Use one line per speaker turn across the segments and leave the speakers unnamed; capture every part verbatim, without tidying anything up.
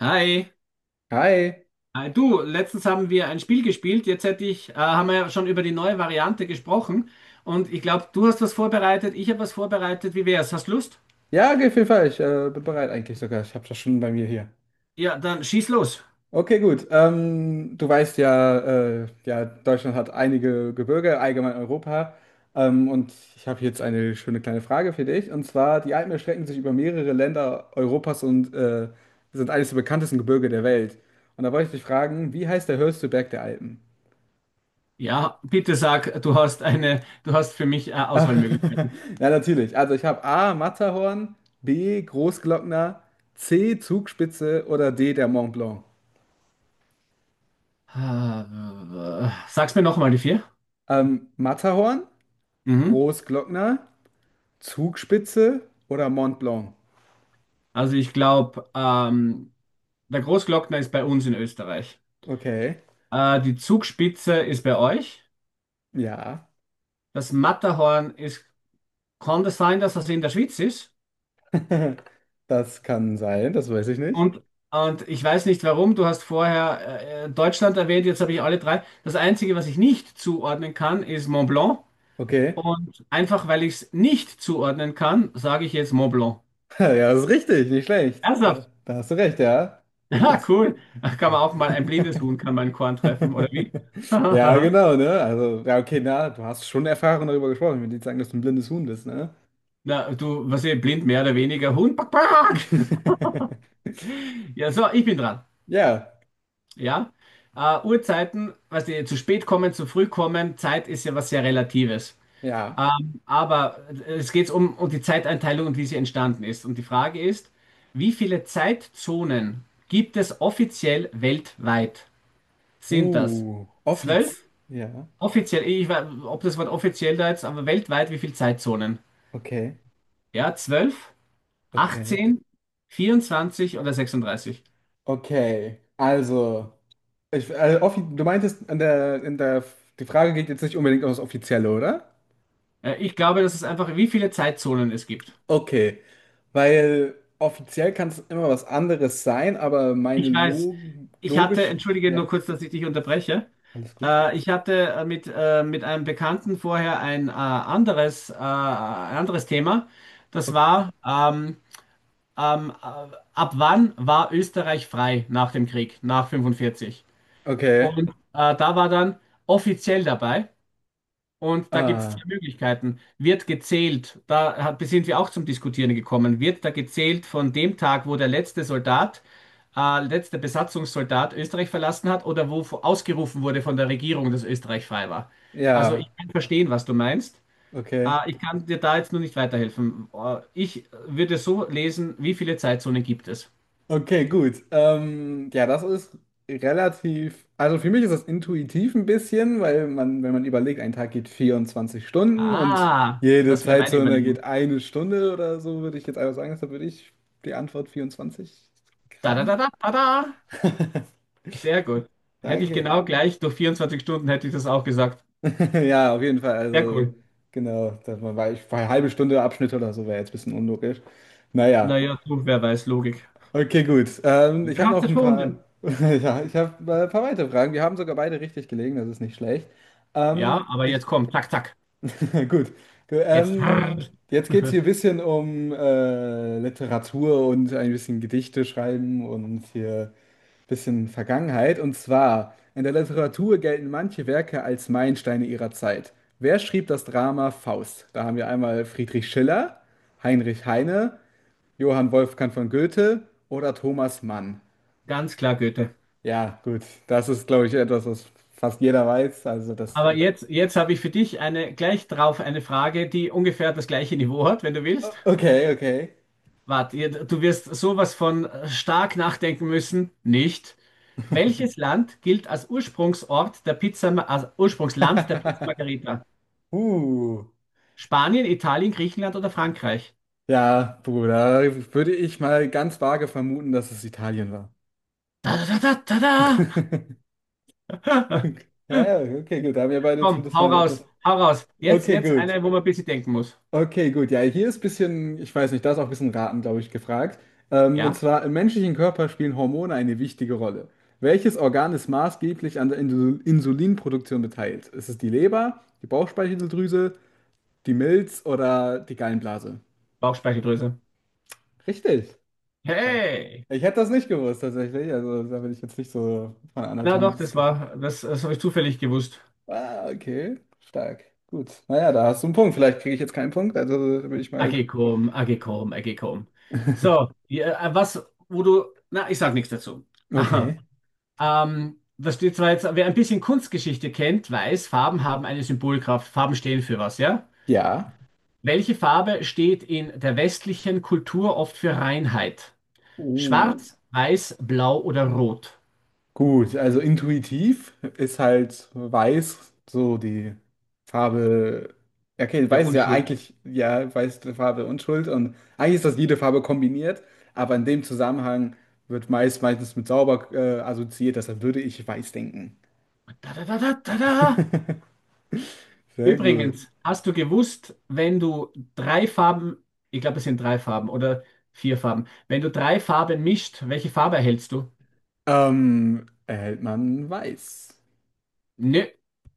Hi.
Hi.
Äh, du, letztens haben wir ein Spiel gespielt. Jetzt hätte ich, äh, haben wir ja schon über die neue Variante gesprochen. Und ich glaube, du hast was vorbereitet, ich habe was vorbereitet. Wie wär's? Hast Lust?
Ja, geht auf jeden. Ich, äh, bin bereit eigentlich sogar. Ich habe das schon bei mir hier.
Ja, dann schieß los.
Okay, gut. Ähm, du weißt ja, äh, ja, Deutschland hat einige Gebirge, allgemein Europa. Ähm, und ich habe jetzt eine schöne kleine Frage für dich. Und zwar, die Alpen erstrecken sich über mehrere Länder Europas und äh, sind eines der bekanntesten Gebirge der Welt. Und da wollte ich dich fragen, wie heißt der höchste Berg der Alpen?
Ja, bitte sag, du hast eine, du hast für mich, äh,
Ah,
Auswahlmöglichkeiten.
ja, natürlich. Also ich habe A, Matterhorn, B, Großglockner, C, Zugspitze oder D, der Mont Blanc.
Äh, Sag's mir nochmal die vier.
Ähm, Matterhorn,
Mhm.
Großglockner, Zugspitze oder Mont Blanc?
Also ich glaube, ähm, der Großglockner ist bei uns in Österreich.
Okay,
Äh, die Zugspitze ist bei euch.
ja.
Das Matterhorn ist, kann das sein, dass das in der Schweiz ist?
Das kann sein, das weiß ich nicht.
Und, und ich weiß nicht warum, du hast vorher äh, äh, Deutschland erwähnt, jetzt habe ich alle drei. Das Einzige, was ich nicht zuordnen kann, ist Mont Blanc.
Okay.
Und einfach weil ich es nicht zuordnen kann, sage ich jetzt Mont Blanc.
Ja, das ist richtig, nicht schlecht. Da,
Ernsthaft?
da hast du recht, ja.
Ah,
Gut.
cool. Da kann man auch mal, ein blindes Huhn kann mal ein Korn treffen, oder wie?
Ja,
Na,
genau, ne? Also, ja, okay, na, du hast schon Erfahrung darüber gesprochen. Ich will nicht sagen, dass du ein blindes Huhn bist, ne?
du, was ich, blind mehr oder weniger, Huhn, pack, pack. Ja, so, ich bin dran.
Ja,
Ja, äh, Uhrzeiten, was die zu spät kommen, zu früh kommen, Zeit ist ja was sehr Relatives.
ja.
Ähm, aber äh, es geht um, um die Zeiteinteilung und wie sie entstanden ist. Und die Frage ist, wie viele Zeitzonen gibt es offiziell weltweit? Sind das
Uh,
zwölf?
Offiz. Ja,
Offiziell, ich weiß, ob das Wort offiziell da jetzt, aber weltweit, wie viele Zeitzonen?
okay,
Ja, zwölf,
okay.
achtzehn, vierundzwanzig oder sechsunddreißig?
Okay, also, ich, äh, offi du meintest, an der, in der, die Frage geht jetzt nicht unbedingt um das Offizielle, oder?
Äh, ich glaube, das ist einfach, wie viele Zeitzonen es gibt.
Okay, weil offiziell kann es immer was anderes sein, aber meine
Ich weiß,
Log
ich hatte,
logisch,
entschuldige nur
ja,
kurz, dass ich dich unterbreche.
alles gut.
Äh, ich hatte äh, mit, äh, mit einem Bekannten vorher ein äh, anderes, äh, ein anderes Thema. Das
Okay,
war, ähm, ähm, äh, ab wann war Österreich frei nach dem Krieg, nach fünfundvierzig.
okay,
Und äh, da war dann offiziell dabei. Und da gibt es zwei
ah,
Möglichkeiten. Wird gezählt, da hat, sind wir auch zum Diskutieren gekommen, wird da gezählt von dem Tag, wo der letzte Soldat, äh, letzte Besatzungssoldat Österreich verlassen hat oder wo vo- ausgerufen wurde von der Regierung, dass Österreich frei war. Also
ja,
ich kann verstehen, was du meinst.
okay.
Äh, ich kann dir da jetzt nur nicht weiterhelfen. Äh, ich würde so lesen, wie viele Zeitzonen gibt es?
Okay, gut. Ähm, ja, das ist relativ, also für mich ist das intuitiv ein bisschen, weil man, wenn man überlegt, ein Tag geht vierundzwanzig Stunden und
Ah,
jede
das wäre meine
Zeitzone geht
Überlegung.
eine Stunde oder so, würde ich jetzt einfach sagen, deshalb würde ich die Antwort vierundzwanzig
Da, da, da,
raten.
da, da, da. Sehr gut. Hätte ich
Danke.
genau gleich durch vierundzwanzig Stunden hätte ich das auch gesagt.
Ja, auf jeden Fall.
Sehr
Also,
cool.
genau, dass man, weil ich, weil halbe Stunde Abschnitte oder so wäre jetzt ein bisschen unlogisch. Naja.
Naja, so, wer weiß, Logik.
Okay, gut. Ähm, ich
Wir
habe
haben es
noch ein paar,
erfunden.
ja, ich habe äh, ein paar weitere Fragen. Wir haben sogar beide richtig gelegen, das ist nicht schlecht. Ähm,
Ja, aber jetzt
ich,
komm, zack, zack.
gut. Gu-
Jetzt.
Ähm, jetzt geht es hier ein bisschen um äh, Literatur und ein bisschen Gedichte schreiben und hier ein bisschen Vergangenheit. Und zwar, in der Literatur gelten manche Werke als Meilensteine ihrer Zeit. Wer schrieb das Drama Faust? Da haben wir einmal Friedrich Schiller, Heinrich Heine, Johann Wolfgang von Goethe oder Thomas Mann.
Ganz klar, Goethe.
Ja, gut. Das ist, glaube ich, etwas, was fast jeder weiß. Also das.
Aber jetzt, jetzt habe ich für dich eine, gleich drauf eine Frage, die ungefähr das gleiche Niveau hat, wenn du willst.
Okay, okay.
Warte, ihr- du wirst sowas von stark nachdenken müssen. Nicht. Welches Land gilt als Ursprungsort der Pizza, als Ursprungsland der Pizza Margherita?
Uh.
Spanien, Italien, Griechenland oder Frankreich?
Ja, Bruder, würde ich mal ganz vage vermuten, dass es Italien war.
Da, da, da, da, da.
Naja, okay, gut. Da haben wir beide
Komm,
zumindest
hau
mal
raus,
etwas.
hau raus. Jetzt,
Okay,
jetzt
gut.
eine, wo man ein bisschen denken muss.
Okay, gut. Ja, hier ist ein bisschen, ich weiß nicht, da ist auch ein bisschen Raten, glaube ich, gefragt. Ähm, und
Ja,
zwar, im menschlichen Körper spielen Hormone eine wichtige Rolle. Welches Organ ist maßgeblich an der Insul- Insulinproduktion beteiligt? Ist es die Leber, die Bauchspeicheldrüse, die Milz oder die Gallenblase?
Bauchspeicheldrüse.
Richtig. Krass.
Hey!
Ich hätte das nicht gewusst, tatsächlich. Also, da bin ich jetzt nicht so von
Na
Anatomie.
doch, das war, das, das habe ich zufällig gewusst.
Ah, okay. Stark. Gut. Naja, da hast du einen Punkt. Vielleicht kriege ich jetzt keinen Punkt. Also, da bin ich mal.
Agekom, Agekom, Agekom. So, ja, äh, was, wo du, na, ich sag nichts dazu. Aha.
Okay.
Ähm, da steht zwar jetzt, wer ein bisschen Kunstgeschichte kennt, weiß, Farben haben eine Symbolkraft. Farben stehen für was, ja?
Ja.
Welche Farbe steht in der westlichen Kultur oft für Reinheit?
Uh.
Schwarz, weiß, blau oder rot?
Gut, also intuitiv ist halt weiß so die Farbe. Ja, okay,
Der
weiß ist ja
Unschuld.
eigentlich, ja, weiß ist eine Farbe Unschuld und eigentlich ist das jede Farbe kombiniert, aber in dem Zusammenhang wird meist meistens mit sauber äh, assoziiert, deshalb würde ich weiß denken.
Da, da, da, da, da, da.
Sehr gut.
Übrigens, hast du gewusst, wenn du drei Farben, ich glaube, es sind drei Farben oder vier Farben, wenn du drei Farben mischt, welche Farbe erhältst du?
Ähm, erhält man weiß?
Nö.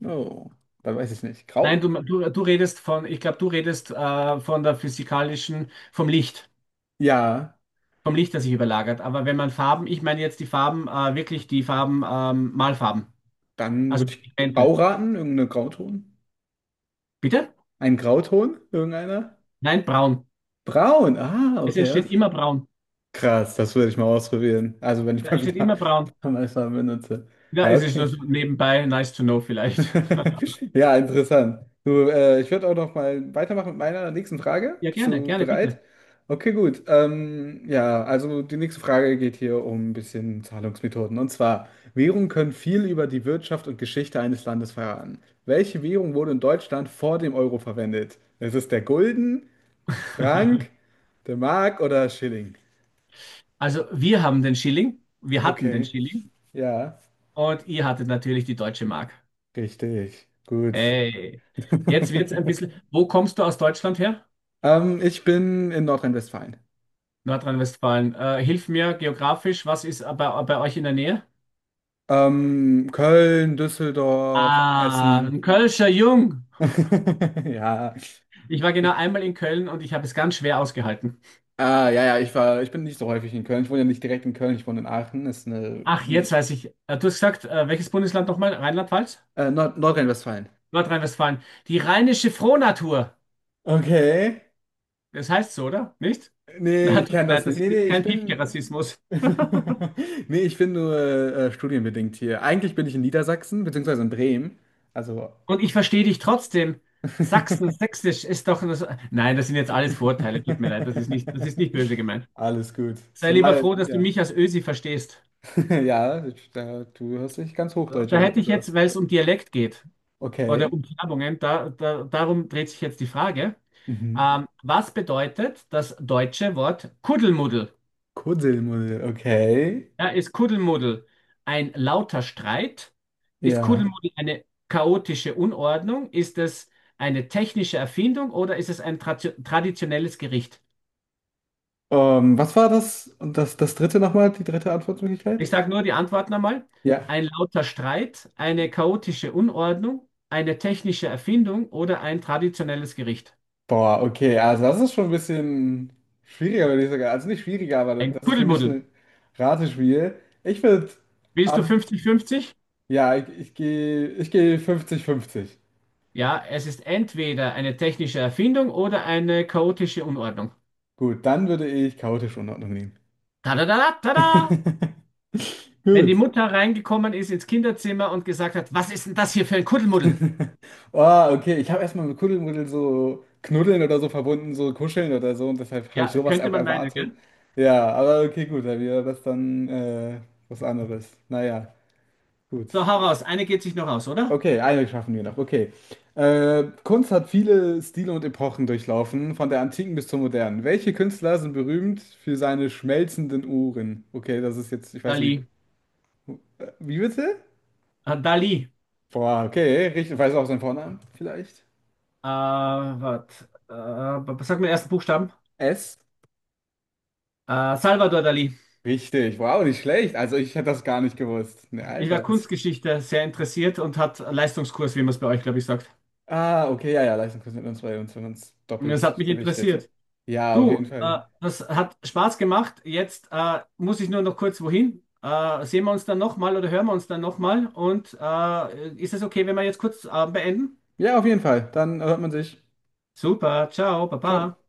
Oh, dann weiß ich nicht.
Nein, du,
Grau?
du, du redest von, ich glaube, du redest äh, von der physikalischen, vom Licht,
Ja,
vom Licht, das sich überlagert. Aber wenn man Farben, ich meine jetzt die Farben, äh, wirklich die Farben, ähm, Malfarben,
dann
also
würde ich grau
Pigmente.
raten, irgendeine Grauton.
Bitte?
Ein Grauton, irgendeiner?
Nein, braun.
Braun, ah,
Es
okay.
entsteht
Das
immer braun.
Krass, das würde ich mal ausprobieren. Also wenn ich
Es
mal
entsteht
wieder
immer braun.
Amazon benutze.
Ja,
Ja,
es ist
okay.
nur so nebenbei, nice to know vielleicht.
Ja, interessant. Du, äh, ich würde auch noch mal weitermachen mit meiner nächsten Frage.
Ja,
Bist
gerne,
du
gerne,
bereit?
bitte.
Okay, gut. Ähm, ja, also die nächste Frage geht hier um ein bisschen Zahlungsmethoden. Und zwar, Währungen können viel über die Wirtschaft und Geschichte eines Landes verraten. Welche Währung wurde in Deutschland vor dem Euro verwendet? Es ist der Gulden, Frank, der Mark oder Schilling?
Also, wir haben den Schilling, wir hatten den
Okay,
Schilling
ja.
und ihr hattet natürlich die deutsche Mark.
Richtig, gut.
Hey, jetzt wird's ein bisschen. Wo kommst du aus Deutschland her?
Ähm, ich bin in Nordrhein-Westfalen.
Nordrhein-Westfalen. Äh, hilf mir geografisch, was ist bei, bei euch in der Nähe?
Ähm, Köln, Düsseldorf,
Ah,
Essen.
ein Kölscher Jung.
Ja.
Ich war genau einmal in Köln und ich habe es ganz schwer ausgehalten.
Ah, ja, ja, ich war, ich bin nicht so häufig in Köln. Ich wohne ja nicht direkt in Köln, ich wohne in Aachen. Ist eine,
Ach, jetzt weiß ich. Äh, du hast gesagt, äh, welches Bundesland nochmal? Rheinland-Pfalz?
äh, Nord Nordrhein-Westfalen.
Nordrhein-Westfalen. Die rheinische Frohnatur.
Okay.
Das heißt so, oder? Nicht?
Nee,
Na,
ich
tut mir
kenne das
leid,
nicht.
das ist
Nee, nee,
jetzt
ich
kein
bin.
Piefke-Rassismus.
Nee, ich bin nur äh, studienbedingt hier. Eigentlich bin ich in Niedersachsen, beziehungsweise in Bremen. Also.
Und ich verstehe dich trotzdem. Sachsen, Sächsisch ist doch. Das, nein, das sind jetzt alles Vorurteile. Tut mir leid, das ist nicht, das ist nicht böse gemeint.
Alles gut.
Sei lieber
Zumal,
froh, dass du
ja,
mich als Ösi verstehst.
ja, ich- da, du hörst dich ganz Hochdeutsch
Da
an.
hätte ich
Also,
jetzt, weil es um Dialekt geht oder
okay.
um Färbungen, da, da, darum dreht sich jetzt die Frage.
Mhm.
Ähm, was bedeutet das deutsche Wort Kuddelmuddel?
Kuddelmuddel, okay.
Ja, ist Kuddelmuddel ein lauter Streit? Ist
Ja.
Kuddelmuddel eine chaotische Unordnung? Ist es eine technische Erfindung oder ist es ein tra traditionelles Gericht?
Ähm, was war das? Und das, das dritte nochmal, die dritte
Ich
Antwortmöglichkeit?
sage nur die Antworten einmal.
Ja.
Ein lauter Streit, eine chaotische Unordnung, eine technische Erfindung oder ein traditionelles Gericht.
Boah, okay. Also, das ist schon ein bisschen schwieriger, würde ich sagen. Also, nicht schwieriger, aber
Ein
das ist für mich
Kuddelmuddel.
ein Ratespiel. Ich würde
Willst du
an,
fünfzig fünfzig?
ja, ich, ich gehe, ich gehe fünfzig fünfzig.
Ja, es ist entweder eine technische Erfindung oder eine chaotische Unordnung.
Gut, dann würde ich chaotische Unordnung nehmen.
Tada, tada, tada! Wenn die
Gut.
Mutter reingekommen ist ins Kinderzimmer und gesagt hat, was ist denn das hier für ein Kuddelmuddel?
Oh, okay. Ich habe erstmal mit Kuddelmuddel so knuddeln oder so verbunden, so kuscheln oder so und deshalb habe ich
Ja,
sowas
könnte
auch
man meinen,
erwartet.
gell?
Ja, aber okay, gut, dann wäre das dann äh, was anderes. Naja, gut.
So, hau raus. Eine geht sich noch aus, oder?
Okay, eine schaffen wir noch. Okay. Äh, Kunst hat viele Stile und Epochen durchlaufen, von der Antiken bis zur Modernen. Welche Künstler sind berühmt für seine schmelzenden Uhren? Okay, das ist jetzt, ich weiß.
Dali. Ah, Dali. Äh, wat, äh, was sagt man den ersten Buchstaben? Äh, Salvador Dali.
Richtig, wow, nicht schlecht. Also ich hätte das gar nicht gewusst. Ne,
Ich war
Alter. Das...
Kunstgeschichte sehr interessiert und hat Leistungskurs, wie man es bei euch, glaube ich, sagt.
Ah, okay, ja, ja, Leistungskurs mit uns bei uns, wenn man es
Und das
doppelt
hat mich
gewichtet.
interessiert.
Ja, auf jeden
Du,
Fall.
äh, das hat Spaß gemacht. Jetzt äh, muss ich nur noch kurz wohin. Äh, sehen wir uns dann nochmal oder hören wir uns dann nochmal? Und äh, ist es okay, wenn wir jetzt kurz äh, beenden?
Ja, auf jeden Fall. Dann hört man sich.
Super, ciao, baba.
Ciao.